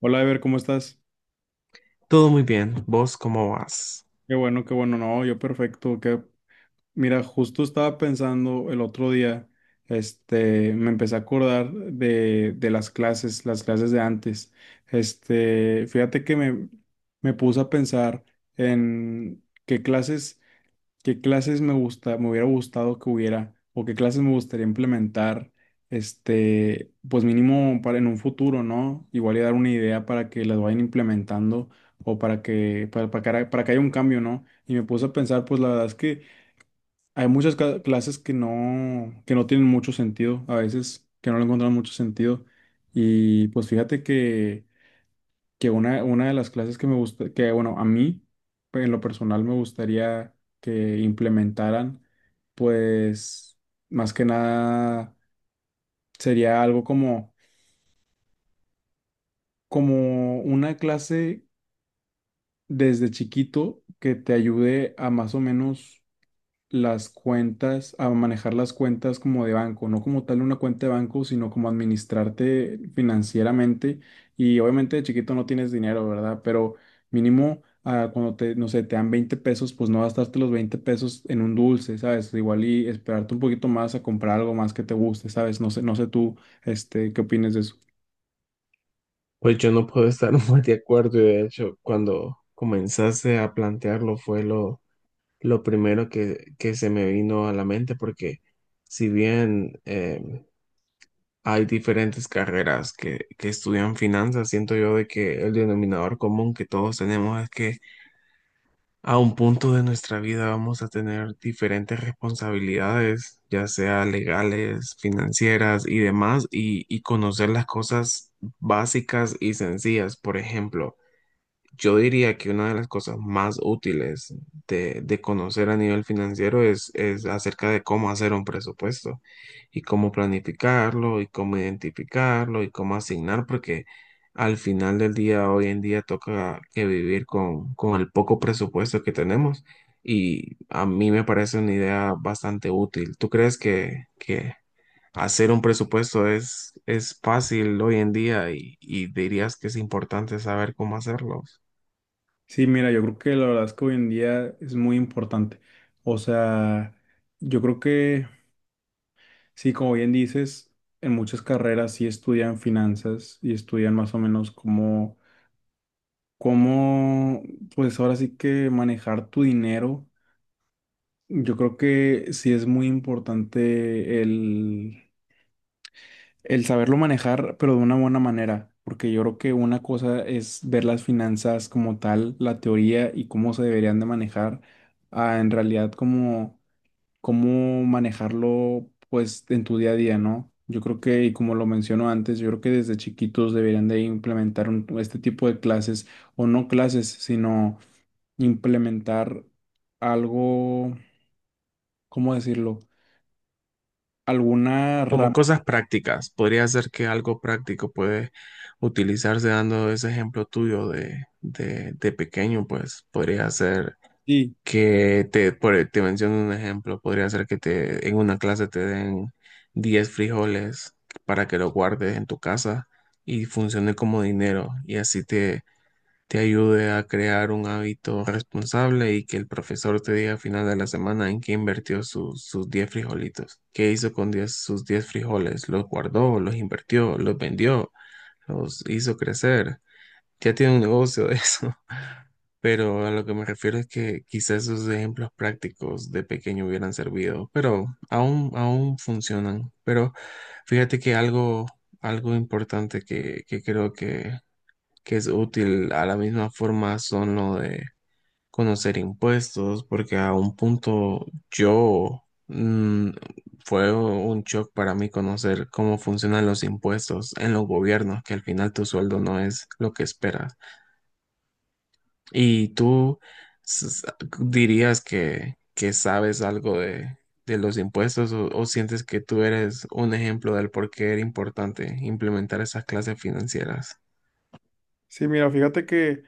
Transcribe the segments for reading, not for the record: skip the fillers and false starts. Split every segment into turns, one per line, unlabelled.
Hola, Ever, ¿cómo estás?
Todo muy bien. ¿Vos cómo vas?
Qué bueno, no, yo perfecto. Que, mira, justo estaba pensando el otro día, me empecé a acordar de las clases, de antes. Fíjate que me puse a pensar en qué clases. ¿Qué clases me gusta, me hubiera gustado que hubiera, o qué clases me gustaría implementar, pues mínimo para en un futuro, ¿no? Igual y dar una idea para que las vayan implementando o para que haya un cambio, ¿no? Y me puse a pensar, pues la verdad es que hay muchas clases que no tienen mucho sentido, a veces que no le encuentran mucho sentido. Y pues fíjate que una de las clases que me gusta, que bueno, a mí pues, en lo personal me gustaría que implementaran, pues más que nada sería algo como una clase desde chiquito que te ayude a más o menos las cuentas, a manejar las cuentas como de banco, no como tal una cuenta de banco, sino como administrarte financieramente. Y obviamente de chiquito no tienes dinero, ¿verdad? Pero mínimo cuando te, no sé, te dan 20 pesos, pues no gastarte los 20 pesos en un dulce, ¿sabes? Igual y esperarte un poquito más a comprar algo más que te guste, ¿sabes? No sé tú, ¿qué opinas de eso?
Pues yo no puedo estar más de acuerdo, y de hecho, cuando comenzaste a plantearlo fue lo primero que se me vino a la mente, porque si bien hay diferentes carreras que estudian finanzas, siento yo de que el denominador común que todos tenemos es que a un punto de nuestra vida vamos a tener diferentes responsabilidades, ya sea legales, financieras y demás, y conocer las cosas básicas y sencillas. Por ejemplo, yo diría que una de las cosas más útiles de conocer a nivel financiero es acerca de cómo hacer un presupuesto, y cómo planificarlo, y cómo identificarlo, y cómo asignar, porque al final del día, hoy en día, toca que vivir con el poco presupuesto que tenemos, y a mí me parece una idea bastante útil. ¿Tú crees que hacer un presupuesto es fácil hoy en día y dirías que es importante saber cómo hacerlo?
Sí, mira, yo creo que la verdad es que hoy en día es muy importante. O sea, yo creo que sí, como bien dices, en muchas carreras sí estudian finanzas y estudian más o menos cómo, pues ahora sí que manejar tu dinero. Yo creo que sí es muy importante el saberlo manejar, pero de una buena manera, porque yo creo que una cosa es ver las finanzas como tal, la teoría y cómo se deberían de manejar, a en realidad como cómo manejarlo pues en tu día a día, ¿no? Yo creo que, y como lo menciono antes, yo creo que desde chiquitos deberían de implementar este tipo de clases, o no clases, sino implementar algo, ¿cómo decirlo? Alguna
Como
rama.
cosas prácticas, podría ser que algo práctico puede utilizarse dando ese ejemplo tuyo de pequeño. Pues podría ser
Sí,
que te, por- te menciono un ejemplo, podría ser que te, en una clase te den 10 frijoles para que lo guardes en tu casa y funcione como dinero, y así te ayude a crear un hábito responsable, y que el profesor te diga al final de la semana en qué invirtió su- sus 10 frijolitos. ¿Qué hizo con 10 sus 10 frijoles? ¿Los guardó, los invirtió, los vendió, los hizo crecer? Ya tiene un negocio de eso. Pero a lo que me refiero es que quizás esos ejemplos prácticos de pequeño hubieran servido, pero aún funcionan. Pero fíjate que algo importante que creo que es útil. A la misma forma son lo de conocer impuestos, porque a un punto yo fue un shock para mí conocer cómo funcionan los impuestos en los gobiernos, que al final tu sueldo no es lo que esperas. Y tú s- s- dirías que sabes algo de los impuestos, o sientes que tú eres un ejemplo del por qué era importante implementar esas clases financieras.
sí, mira, fíjate que,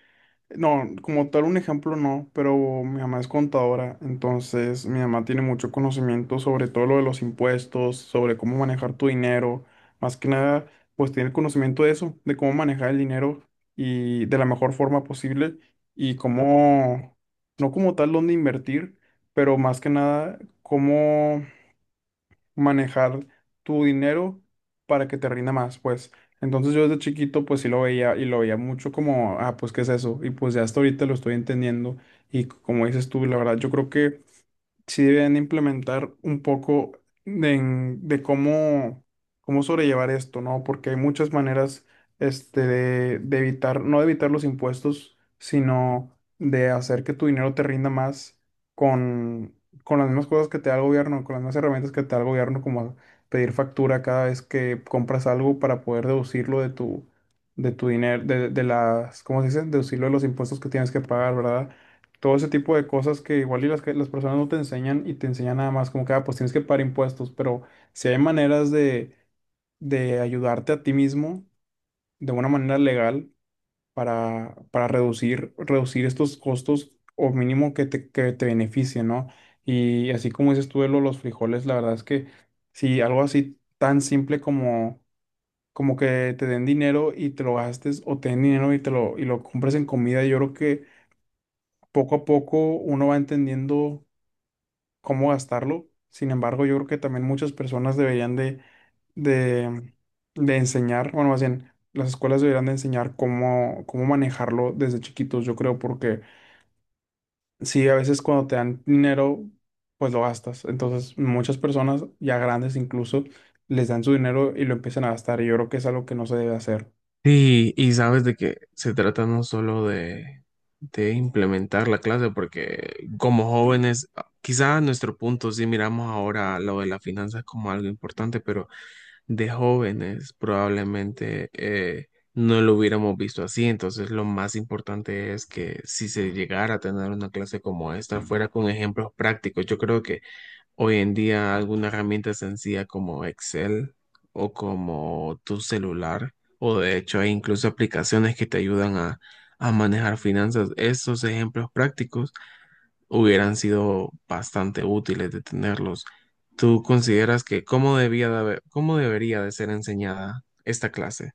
no, como tal un ejemplo no, pero mi mamá es contadora, entonces mi mamá tiene mucho conocimiento sobre todo lo de los impuestos, sobre cómo manejar tu dinero. Más que nada, pues tiene conocimiento de eso, de cómo manejar el dinero y de la mejor forma posible, y cómo, no como tal dónde invertir, pero más que nada, cómo manejar tu dinero para que te rinda más, pues. Entonces yo desde chiquito pues sí lo veía, y lo veía mucho como, pues ¿qué es eso? Y pues ya hasta ahorita lo estoy entendiendo y, como dices tú, la verdad yo creo que sí deben implementar un poco de cómo sobrellevar esto, ¿no? Porque hay muchas maneras, de evitar, no de evitar los impuestos, sino de hacer que tu dinero te rinda más con, con las mismas cosas que te da el gobierno, con las mismas herramientas que te da el gobierno, como pedir factura cada vez que compras algo para poder deducirlo de tu dinero, ¿cómo se dice? Deducirlo de los impuestos que tienes que pagar, ¿verdad? Todo ese tipo de cosas que igual y que las personas no te enseñan, y te enseñan nada más como que, pues tienes que pagar impuestos, pero si hay maneras de ayudarte a ti mismo de una manera legal para reducir estos costos, o mínimo que te beneficien, ¿no? Y así como dices tú de los frijoles, la verdad es que si algo así tan simple como que te den dinero y te lo gastes, o te den dinero y y lo compres en comida, yo creo que poco a poco uno va entendiendo cómo gastarlo. Sin embargo, yo creo que también muchas personas deberían de, de enseñar, bueno, más bien, las escuelas deberían de enseñar cómo manejarlo desde chiquitos, yo creo, porque sí, a veces cuando te dan dinero, pues lo gastas. Entonces, muchas personas, ya grandes incluso, les dan su dinero y lo empiezan a gastar. Y yo creo que es algo que no se debe hacer.
Sí, y sabes de que se trata no solo de implementar la clase, porque como jóvenes, quizá a nuestro punto sí miramos ahora lo de las finanzas como algo importante, pero de jóvenes probablemente no lo hubiéramos visto así. Entonces, lo más importante es que si se llegara a tener una clase como esta, fuera con ejemplos prácticos. Yo creo que hoy en día alguna herramienta sencilla como Excel, o como tu celular, o de hecho hay incluso aplicaciones que te ayudan a manejar finanzas. Estos ejemplos prácticos hubieran sido bastante útiles de tenerlos. ¿Tú consideras que cómo debía de haber- cómo debería de ser enseñada esta clase?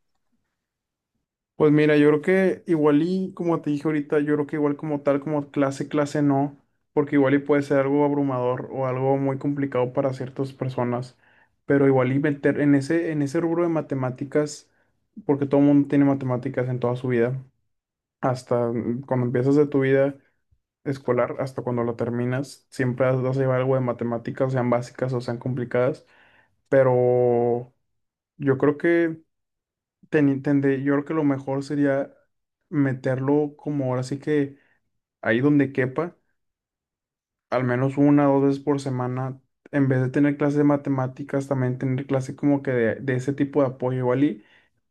Pues mira, yo creo que igual y como te dije ahorita, yo creo que igual como tal, como clase, clase no, porque igual y puede ser algo abrumador o algo muy complicado para ciertas personas, pero igual y meter en ese rubro de matemáticas, porque todo el mundo tiene matemáticas en toda su vida, hasta cuando empiezas de tu vida escolar, hasta cuando la terminas, siempre vas a llevar algo de matemáticas, sean básicas o sean complicadas. Pero yo creo que lo mejor sería meterlo como ahora sí que ahí donde quepa, al menos una o dos veces por semana, en vez de tener clases de matemáticas, también tener clases como que de ese tipo de apoyo, igual y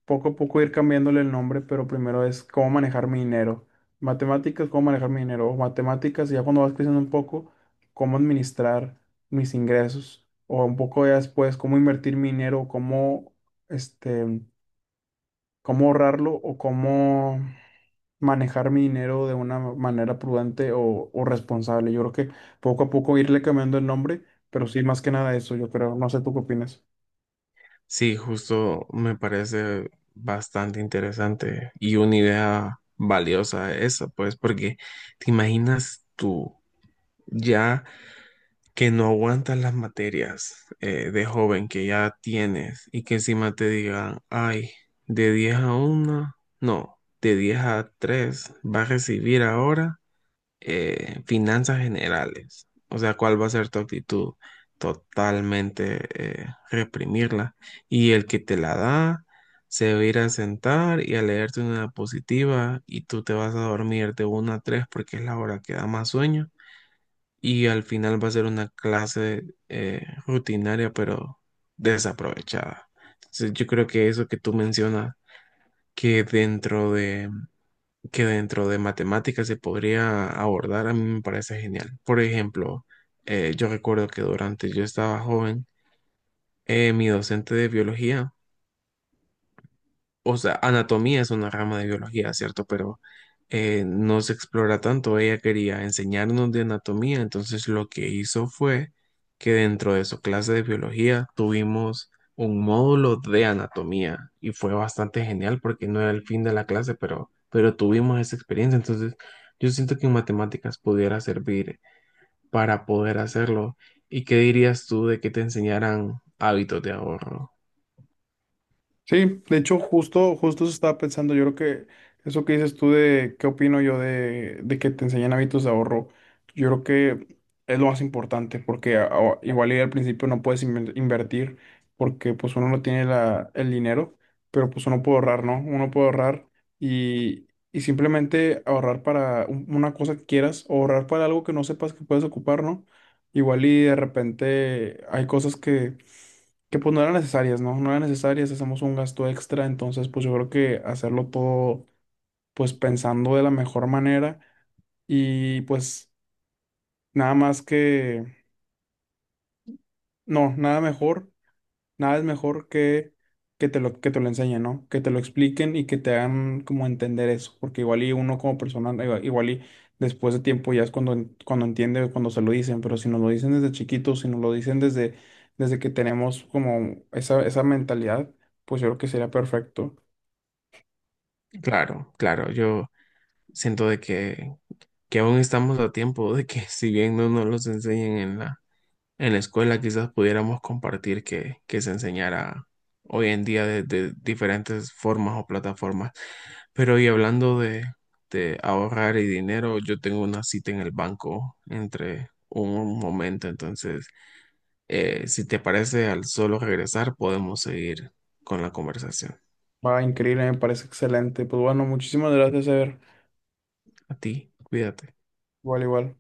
poco a poco ir cambiándole el nombre. Pero primero es cómo manejar mi dinero, matemáticas, cómo manejar mi dinero, o matemáticas, y ya cuando vas creciendo un poco, cómo administrar mis ingresos, o un poco ya después, cómo invertir mi dinero, este cómo ahorrarlo, o cómo manejar mi dinero de una manera prudente o responsable. Yo creo que poco a poco irle cambiando el nombre, pero sí, más que nada eso, yo creo. No sé tú qué opinas.
Sí, justo me parece bastante interesante y una idea valiosa esa, pues, porque te imaginas tú ya que no aguantas las materias de joven que ya tienes, y que encima te digan, ay, de 10 a 1, no, de 10 a 3, vas a recibir ahora finanzas generales. O sea, ¿cuál va a ser tu actitud? Totalmente reprimirla. Y el que te la da se va a ir a sentar y a leerte una diapositiva, y tú te vas a dormir de una a 3 porque es la hora que da más sueño. Y al final va a ser una clase rutinaria pero desaprovechada. Entonces, yo creo que eso que tú mencionas, que dentro de que dentro de matemáticas se podría abordar, a mí me parece genial. Por ejemplo, yo recuerdo que durante yo estaba joven, mi docente de biología, o sea, anatomía es una rama de biología, ¿cierto? Pero no se explora tanto. Ella quería enseñarnos de anatomía, entonces lo que hizo fue que dentro de su clase de biología tuvimos un módulo de anatomía, y fue bastante genial porque no era el fin de la clase, pero tuvimos esa experiencia. Entonces, yo siento que en matemáticas pudiera servir para poder hacerlo. ¿Y qué dirías tú de que te enseñaran hábitos de ahorro?
Sí, de hecho, justo eso estaba pensando. Yo creo que eso que dices tú, de qué opino yo de que te enseñan hábitos de ahorro, yo creo que es lo más importante, porque igual y al principio no puedes invertir, porque pues uno no tiene el dinero, pero pues uno puede ahorrar, ¿no? Uno puede ahorrar y, y simplemente ahorrar para una cosa que quieras, o ahorrar para algo que no sepas que puedes ocupar, ¿no? Igual y de repente hay cosas que pues no eran necesarias, ¿no? No eran necesarias, hacemos un gasto extra, entonces pues yo creo que hacerlo todo pues pensando de la mejor manera, y pues nada más que, no, nada mejor, nada es mejor que te lo enseñen, ¿no? Que te lo expliquen y que te hagan como entender eso, porque igual y uno como persona, igual y después de tiempo ya es cuando, cuando entiende, cuando se lo dicen. Pero si nos lo dicen desde chiquitos, si nos lo dicen desde que tenemos como esa mentalidad, pues yo creo que sería perfecto.
Claro, claro, yo siento de que aún estamos a tiempo de que si bien no nos los enseñen en en la escuela, quizás pudiéramos compartir que se enseñara hoy en día de diferentes formas o plataformas. Pero y hablando de ahorrar y dinero, yo tengo una cita en el banco entre un momento, entonces, si te parece, al solo regresar podemos seguir con la conversación.
Va, increíble, me parece excelente. Pues bueno, muchísimas gracias, Ever.
A ti, cuídate.
Igual, igual.